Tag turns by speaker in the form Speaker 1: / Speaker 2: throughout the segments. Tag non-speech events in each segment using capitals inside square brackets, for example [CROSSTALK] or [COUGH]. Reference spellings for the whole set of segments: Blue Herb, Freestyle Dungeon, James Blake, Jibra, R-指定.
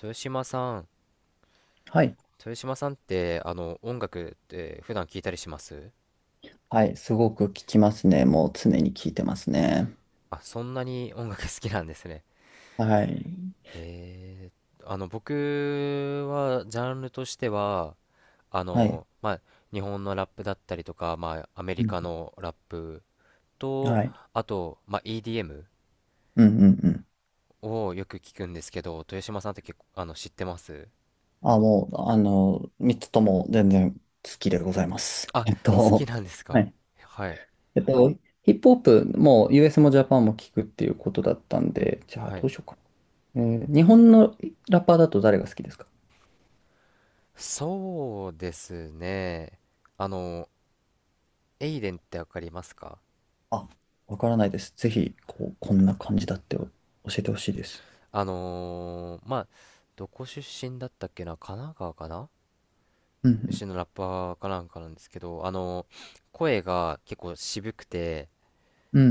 Speaker 1: 豊島さん。
Speaker 2: はい。
Speaker 1: 豊島さんって、音楽って普段聞いたりします？
Speaker 2: はい。すごく聞きますね。もう常に聞いてますね。
Speaker 1: あ、そんなに音楽好きなんですね。
Speaker 2: はい。
Speaker 1: え僕は、ジャンルとしては、
Speaker 2: はい。
Speaker 1: まあ、日本のラップだったりとか、まあ、アメ
Speaker 2: う
Speaker 1: リ
Speaker 2: ん。
Speaker 1: カのラップと、
Speaker 2: はい。
Speaker 1: あと、まあ、EDM
Speaker 2: うんうんうん。
Speaker 1: をよく聞くんですけど、豊島さんって結構、知ってます？
Speaker 2: あ、もう、三つとも全然好きでございます。
Speaker 1: あ、好きなんです
Speaker 2: は
Speaker 1: か？
Speaker 2: い。
Speaker 1: はい、
Speaker 2: えっと、ヒップホップも US もジャパンも聞くっていうことだったんで、じゃあ
Speaker 1: は
Speaker 2: ど
Speaker 1: い。
Speaker 2: うしようかな。え日本のラッパーだと誰が好きですか？
Speaker 1: そうですね。あの、エイデンってわかりますか？
Speaker 2: あ、わからないです。ぜひ、こんな感じだって教えてほしいです。
Speaker 1: まあ、どこ出身だったっけな、神奈川かな、
Speaker 2: うんう
Speaker 1: 出
Speaker 2: ん。
Speaker 1: 身のラッパーかなんかなんですけど、声が結構渋くて、
Speaker 2: うんう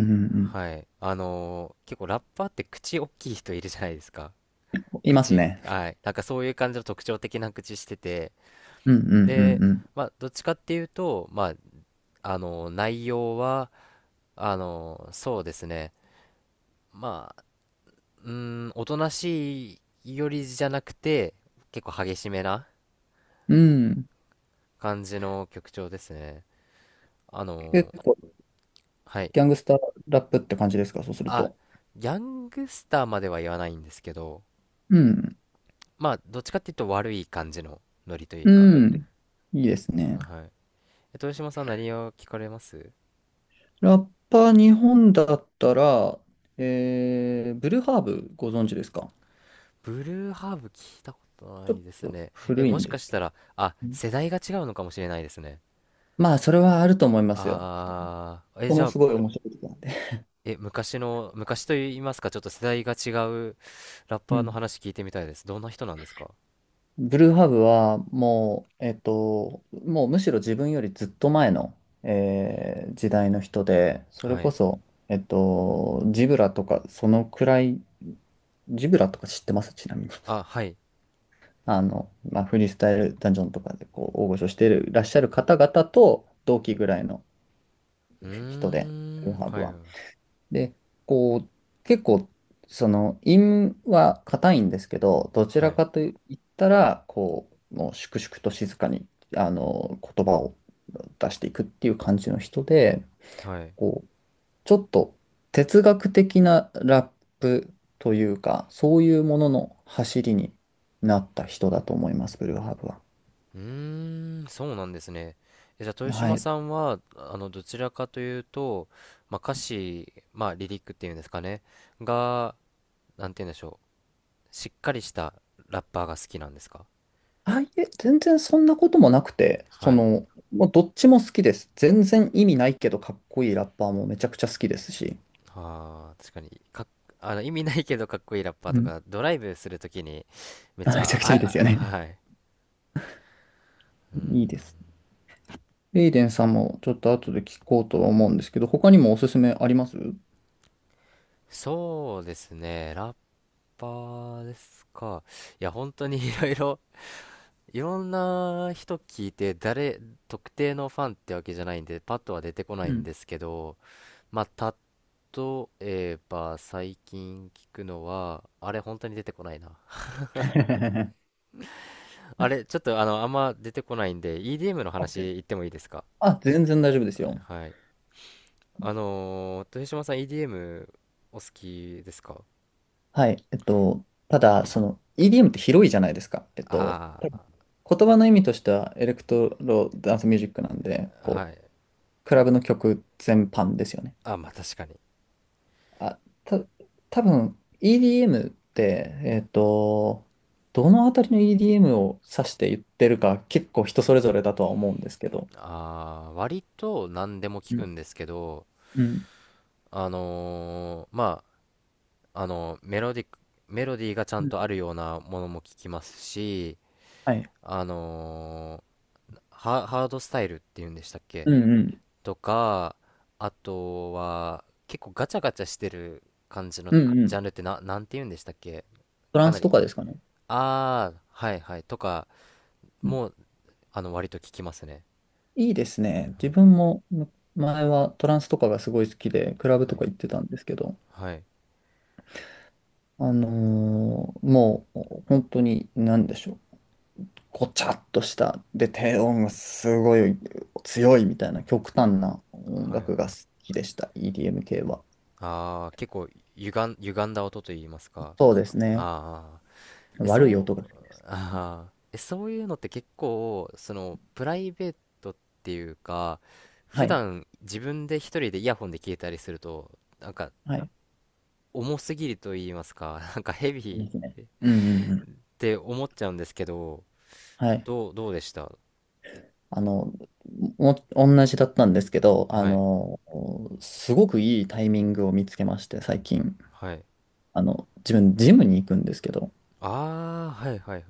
Speaker 2: ん
Speaker 1: はい。結構ラッパーって口大きい人いるじゃないですか。
Speaker 2: うん。います
Speaker 1: 口、
Speaker 2: ね。
Speaker 1: はい。なんかそういう感じの特徴的な口してて。
Speaker 2: うんうん
Speaker 1: で、
Speaker 2: うん
Speaker 1: まあ、どっちかっていうと、まあ、内容は、そうですね。まうーおとなしいよりじゃなくて、結構激しめな
Speaker 2: うん。
Speaker 1: 感じの曲調ですね。あ
Speaker 2: 結
Speaker 1: の
Speaker 2: 構、
Speaker 1: はい。
Speaker 2: ギャングスターラップって感じですか、そうする
Speaker 1: あ、
Speaker 2: と。
Speaker 1: ギャングスターまでは言わないんですけど、
Speaker 2: うん。
Speaker 1: まあ、どっちかっていうと悪い感じのノリという
Speaker 2: う
Speaker 1: か。
Speaker 2: ん。いいですね。
Speaker 1: はい。豊島さん何を聞かれます？
Speaker 2: ラッパー日本だったら、ブルーハーブご存知ですか？
Speaker 1: ブルーハーブ聞いたことな
Speaker 2: ちょっ
Speaker 1: いです
Speaker 2: と
Speaker 1: ね。
Speaker 2: 古い
Speaker 1: も
Speaker 2: ん
Speaker 1: し
Speaker 2: で
Speaker 1: か
Speaker 2: す
Speaker 1: し
Speaker 2: け
Speaker 1: た
Speaker 2: ど。
Speaker 1: ら、あ、
Speaker 2: うん、
Speaker 1: 世代が違うのかもしれないですね。
Speaker 2: まあ、それはあると思いますよ。こ
Speaker 1: じ
Speaker 2: も
Speaker 1: ゃあ、
Speaker 2: すごい面白い曲なんで。
Speaker 1: 昔と言いますか、ちょっと世代が違うラッ
Speaker 2: う
Speaker 1: パーの
Speaker 2: ん。
Speaker 1: 話聞いてみたいです。どんな人なんですか？
Speaker 2: ブルーハーブはもう、もうむしろ自分よりずっと前の、時代の人で、それ
Speaker 1: は
Speaker 2: こ
Speaker 1: い。
Speaker 2: そ、ジブラとかそのくらい、ジブラとか知ってますちなみに？
Speaker 1: あ、は
Speaker 2: [LAUGHS]
Speaker 1: い。
Speaker 2: まあ、フリースタイルダンジョンとかでこう大御所していらっしゃる方々と同期ぐらいの
Speaker 1: うー
Speaker 2: 人で、ル
Speaker 1: ん、
Speaker 2: ハ
Speaker 1: は
Speaker 2: ブ
Speaker 1: い、
Speaker 2: は。で、こう、結構、陰は硬いんですけど、どち
Speaker 1: は
Speaker 2: ら
Speaker 1: い、
Speaker 2: かと言ったら、もう粛々と静かに、言葉を出していくっていう感じの人で、
Speaker 1: はい。
Speaker 2: こう、ちょっと哲学的なラップというか、そういうものの走りになった人だと思います、ブルーハーブは。
Speaker 1: うーん、そうなんですね。じゃあ、豊
Speaker 2: は
Speaker 1: 島
Speaker 2: い。
Speaker 1: さんは、どちらかというと、まあ、歌詞、まあ、リリックっていうんですかね、が、なんて言うんでしょう、しっかりしたラッパーが好きなんですか？
Speaker 2: あ、いえ、全然そんなこともなくて、
Speaker 1: はい。
Speaker 2: もうどっちも好きです。全然意味ないけど、かっこいいラッパーもめちゃくちゃ好きですし。
Speaker 1: ああ、確かに、かっ、あの、意味ないけどかっこいいラッパー
Speaker 2: う
Speaker 1: と
Speaker 2: ん。
Speaker 1: か、ドライブするときに、
Speaker 2: [LAUGHS]
Speaker 1: めっ
Speaker 2: あ、
Speaker 1: ち
Speaker 2: め
Speaker 1: ゃ、
Speaker 2: ちゃく
Speaker 1: あ、
Speaker 2: ちゃいいです
Speaker 1: あ、
Speaker 2: よね。
Speaker 1: はい。う
Speaker 2: [LAUGHS]
Speaker 1: ん。
Speaker 2: いいです。エイデンさんもちょっと後で聞こうとは思うんですけど、他にもおすすめあります？う
Speaker 1: そうですね、ラッパーですか。いや、本当に [LAUGHS] いろんな人聞いて、特定のファンってわけじゃないんで、パッとは出てこないん
Speaker 2: ん。
Speaker 1: ですけど、まあ、例えば、最近聞くのは、あれ、本当に出てこないな。
Speaker 2: [LAUGHS]
Speaker 1: あれ、ちょっと、あんま出てこないんで、EDM の話
Speaker 2: OK。
Speaker 1: 言ってもいいですか？
Speaker 2: あ、全然大丈夫ですよ。
Speaker 1: はい。豊島さん EDM お好きですか？
Speaker 2: はい。ただ、その EDM って広いじゃないですか。
Speaker 1: あ
Speaker 2: 多分
Speaker 1: あ
Speaker 2: 言葉の意味としてはエレクトロダンスミュージックなんで、
Speaker 1: ー、はい。
Speaker 2: クラブの曲全般ですよね。
Speaker 1: あ、まあ確かに。
Speaker 2: あ、た、多分 EDM って、どのあたりの EDM を指して言ってるか結構人それぞれだとは思うんですけど。
Speaker 1: 割と何でも聞
Speaker 2: う
Speaker 1: く
Speaker 2: ん。
Speaker 1: んですけど、
Speaker 2: うん。
Speaker 1: まあ、メロディーがちゃん
Speaker 2: うん、
Speaker 1: とあるようなものも聞きますし、
Speaker 2: はい。
Speaker 1: あのハードスタイルっていうんでしたっけ、
Speaker 2: うんうん。
Speaker 1: とか、あとは結構ガチャガチャしてる感じの
Speaker 2: うんう
Speaker 1: ジ
Speaker 2: ん。
Speaker 1: ャンルってなんて言うんでしたっけ？
Speaker 2: トラ
Speaker 1: か
Speaker 2: ン
Speaker 1: な
Speaker 2: スと
Speaker 1: り。
Speaker 2: かですかね？
Speaker 1: ああ、はいはい。とか、もう、割と聞きますね。
Speaker 2: いいですね。自分も前はトランスとかがすごい好きで、クラブ
Speaker 1: は
Speaker 2: と
Speaker 1: い。
Speaker 2: か行ってたんですけど、
Speaker 1: はい。
Speaker 2: もう本当に何でしょう。ごちゃっとした、で、低音がすごい強いみたいな極端な音
Speaker 1: はいはい。
Speaker 2: 楽が好きでした。EDM 系は。
Speaker 1: ああ、結構歪んだ音と言いますか。
Speaker 2: そうですね。
Speaker 1: ああ、え、
Speaker 2: 悪い
Speaker 1: そ
Speaker 2: 音
Speaker 1: う、
Speaker 2: が好き。
Speaker 1: そういうのって結構、プライベートっていうか、
Speaker 2: は
Speaker 1: 普
Speaker 2: い。
Speaker 1: 段自分で一人でイヤホンで聞いたりすると、なんか、
Speaker 2: はい。
Speaker 1: 重すぎると言いますか、[LAUGHS] なんかヘビ
Speaker 2: いま
Speaker 1: ーっ
Speaker 2: すね。うんうんうん。
Speaker 1: て思っちゃうんですけど、
Speaker 2: はい。
Speaker 1: どうでした？
Speaker 2: あの、同じだったんですけど、
Speaker 1: はい、
Speaker 2: すごくいいタイミングを見つけまして、最近。
Speaker 1: はい。
Speaker 2: 自分、ジムに行くんですけど、
Speaker 1: ああ、はいはいはい。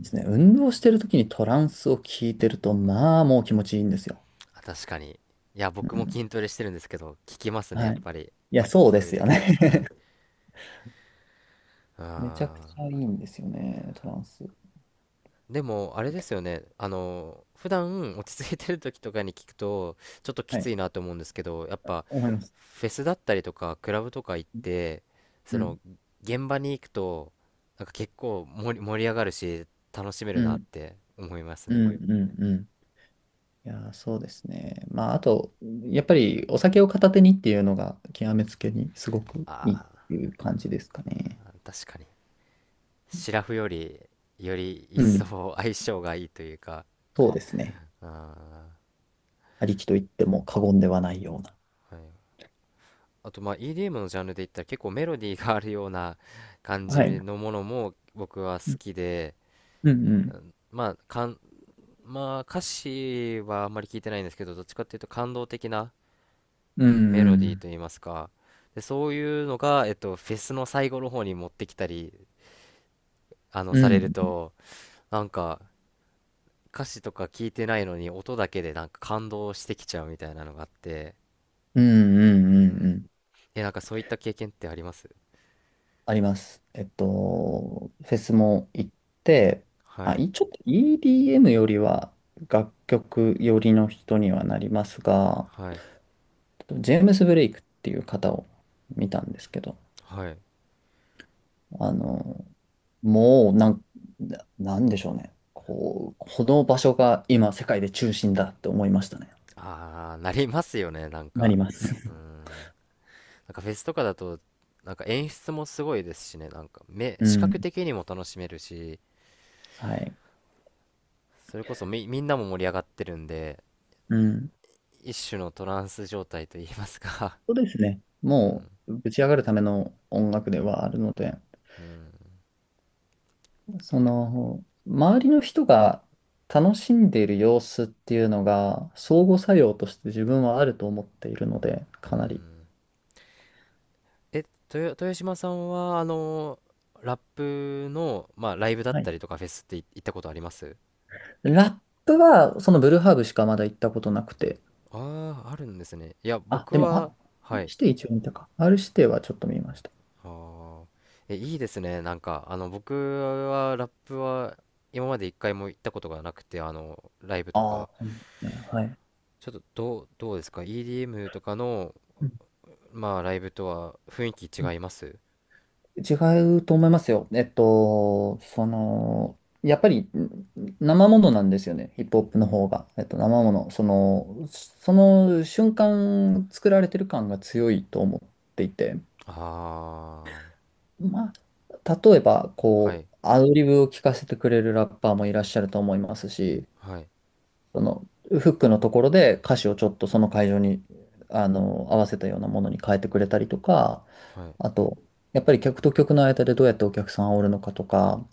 Speaker 2: ですね、運動してる時にトランスを聞いてると、まあ、もう気持ちいいんですよ。
Speaker 1: あ、確かに。いや、
Speaker 2: う
Speaker 1: 僕も
Speaker 2: ん。
Speaker 1: 筋トレしてるんですけど、聞きますね、や
Speaker 2: は
Speaker 1: っ
Speaker 2: い。
Speaker 1: ぱり。
Speaker 2: いや、そう
Speaker 1: そ
Speaker 2: で
Speaker 1: ういう
Speaker 2: すよ
Speaker 1: 時は。
Speaker 2: ね。
Speaker 1: はい。
Speaker 2: [LAUGHS] めちゃくち
Speaker 1: ああ。
Speaker 2: ゃいいんですよね、トランス。
Speaker 1: でも、あれですよね。普段落ち着いてる時とかに聞くと、ちょっとき
Speaker 2: は
Speaker 1: つ
Speaker 2: い。
Speaker 1: いなと思うんですけど、やっぱ、
Speaker 2: 思います。
Speaker 1: フェスだったりとか、クラブとか行って、そ
Speaker 2: う
Speaker 1: の、
Speaker 2: ん。
Speaker 1: 現場に行くと、なんか結構盛り上がるし、楽しめ
Speaker 2: う
Speaker 1: るなっ
Speaker 2: ん。
Speaker 1: て思います
Speaker 2: う
Speaker 1: ね。
Speaker 2: ん。うん。うん。いやー、そうですね。まあ、あと、やっぱりお酒を片手にっていうのが、極めつけにすごくいいっ
Speaker 1: あ
Speaker 2: ていう感じですかね。
Speaker 1: あ、確かに。シラフより、より一
Speaker 2: うん。
Speaker 1: 層相性がいいというか、
Speaker 2: そうですね。
Speaker 1: あ
Speaker 2: ありきと言っても過言ではないような。
Speaker 1: あ、はい。あとまあ EDM のジャンルで言ったら結構メロディーがあるような感じ
Speaker 2: はい。う
Speaker 1: のものも僕は好
Speaker 2: ん
Speaker 1: きで、
Speaker 2: うんう
Speaker 1: う
Speaker 2: ん。
Speaker 1: ん、まあ、まあ、歌詞はあんまり聞いてないんですけど、どっちかっていうと感動的な
Speaker 2: う
Speaker 1: メロディー
Speaker 2: ん、
Speaker 1: といいますか、でそういうのが、フェスの最後の方に持ってきたり
Speaker 2: うん、
Speaker 1: さ
Speaker 2: う
Speaker 1: れる
Speaker 2: ん、
Speaker 1: と、なんか歌詞とか聞いてないのに音だけでなんか感動してきちゃうみたいなのがあって、
Speaker 2: うん、うん、
Speaker 1: う
Speaker 2: う
Speaker 1: ん、
Speaker 2: ん。
Speaker 1: なんかそういった経験ってあります？
Speaker 2: あります。フェスも行って、まあ、
Speaker 1: はい
Speaker 2: ちょっと EDM よりは楽曲寄りの人にはなりますが、
Speaker 1: はい
Speaker 2: ジェームス・ブレイクっていう方を見たんですけど、
Speaker 1: はい。
Speaker 2: あの、もうなん、ななんでしょうね。この場所が今世界で中心だって思いましたね。
Speaker 1: ああ、なりますよね、なん
Speaker 2: なり
Speaker 1: か。
Speaker 2: ます。
Speaker 1: うーん。なんかフェスとかだと、なんか演出もすごいですしね、なんか
Speaker 2: [LAUGHS] う
Speaker 1: 視覚
Speaker 2: ん。
Speaker 1: 的にも楽しめるし、
Speaker 2: はい。
Speaker 1: それこそみんなも盛り上がってるんで、
Speaker 2: うん。
Speaker 1: 一種のトランス状態と言いますか？
Speaker 2: そうですね。もう、ぶち上がるための音楽ではあるので、
Speaker 1: [LAUGHS] うん。
Speaker 2: 周りの人が楽しんでいる様子っていうのが、相互作用として自分はあると思っているので、
Speaker 1: う
Speaker 2: かなり。
Speaker 1: ん。え、豊島さんは、ラップの、まあ、ライブだっ
Speaker 2: は
Speaker 1: た
Speaker 2: い。
Speaker 1: りとかフェスって行ったことあります？
Speaker 2: ラップは、そのブルーハーブしかまだ行ったことなくて。
Speaker 1: ああー、あるんですね。いや、
Speaker 2: あ、
Speaker 1: 僕
Speaker 2: でも、あ、
Speaker 1: は、は
Speaker 2: R
Speaker 1: い。
Speaker 2: 指定一応見たか。R 指定はちょっと見ました。
Speaker 1: はあ。え、いいですね。なんか、僕は、ラップは、今まで一回も行ったことがなくて、ライブと
Speaker 2: ああ、
Speaker 1: か、
Speaker 2: そうなんですね。はい。
Speaker 1: ちょっと、どうですか？ EDM とかの、
Speaker 2: うん、
Speaker 1: まあ、ライブとは雰囲気違います？
Speaker 2: 違うと思いますよ。やっぱり生ものなんですよね、ヒップホップの方が。生もの、その瞬間作られてる感が強いと思っていて、
Speaker 1: ああ
Speaker 2: まあ、例えば、
Speaker 1: ー、はい、
Speaker 2: アドリブを聞かせてくれるラッパーもいらっしゃると思いますし、
Speaker 1: はい、
Speaker 2: フックのところで歌詞をちょっとその会場に、あの、合わせたようなものに変えてくれたりとか、
Speaker 1: はい。
Speaker 2: あと、やっぱり客と客の間でどうやってお客さんを煽るのかとか、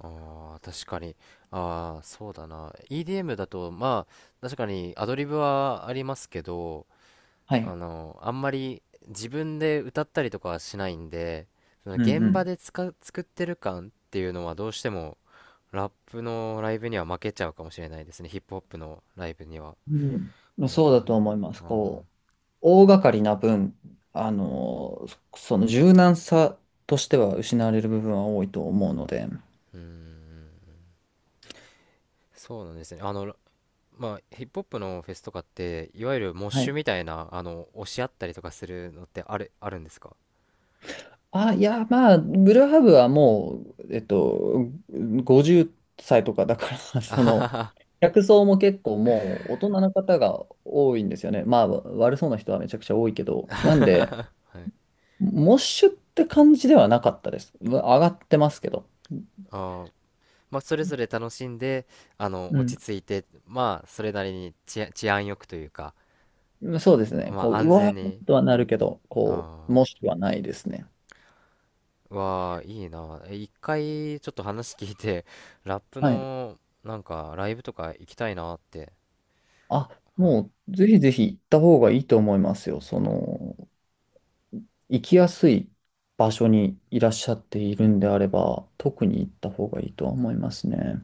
Speaker 1: ああ、確かに。ああ、そうだな。EDM だと、まあ、確かにアドリブはありますけど、
Speaker 2: はい。
Speaker 1: あんまり自分で歌ったりとかはしないんで、その
Speaker 2: うんう
Speaker 1: 現場
Speaker 2: ん。
Speaker 1: で作ってる感っていうのはどうしてもラップのライブには負けちゃうかもしれないですね。ヒップホップのライブには。
Speaker 2: うん、まあ
Speaker 1: うー
Speaker 2: そうだと
Speaker 1: ん。
Speaker 2: 思います。
Speaker 1: あ
Speaker 2: 大掛かりな分、その柔軟さとしては失われる部分は多いと思うので、
Speaker 1: うーん。そうなんですね。まあ、ヒップホップのフェスとかって、いわゆるモッ
Speaker 2: は
Speaker 1: シ
Speaker 2: い。
Speaker 1: ュみたいな、押し合ったりとかするのってあるんですか？
Speaker 2: あ、いや、まあ、ブルーハーブはもう、50歳とかだから [LAUGHS]
Speaker 1: あははは。
Speaker 2: 客層も結構もう大人の方が多いんですよね。まあ、悪そうな人はめちゃくちゃ多いけど、なんで、
Speaker 1: [LAUGHS] はい。
Speaker 2: モッシュって感じではなかったです。上がってますけど。
Speaker 1: あーまあ、それぞれ楽しんで、落ち着いて、まあ、それなりに治安よくというか、
Speaker 2: うん、そうですね。
Speaker 1: まあ、
Speaker 2: う
Speaker 1: 安
Speaker 2: わ
Speaker 1: 全
Speaker 2: ーっ
Speaker 1: に、
Speaker 2: とはなるけど、
Speaker 1: あ
Speaker 2: もしくはないですね。
Speaker 1: あ、わあ、いいな。一回、ちょっと話聞いて、ラップ
Speaker 2: はい。
Speaker 1: の、なんか、ライブとか行きたいなって。
Speaker 2: あ、
Speaker 1: は
Speaker 2: も
Speaker 1: い
Speaker 2: う、ぜひぜひ行った方がいいと思いますよ。行きやすい場所にいらっしゃっているんであれば、特に行った方がいいとは思いますね。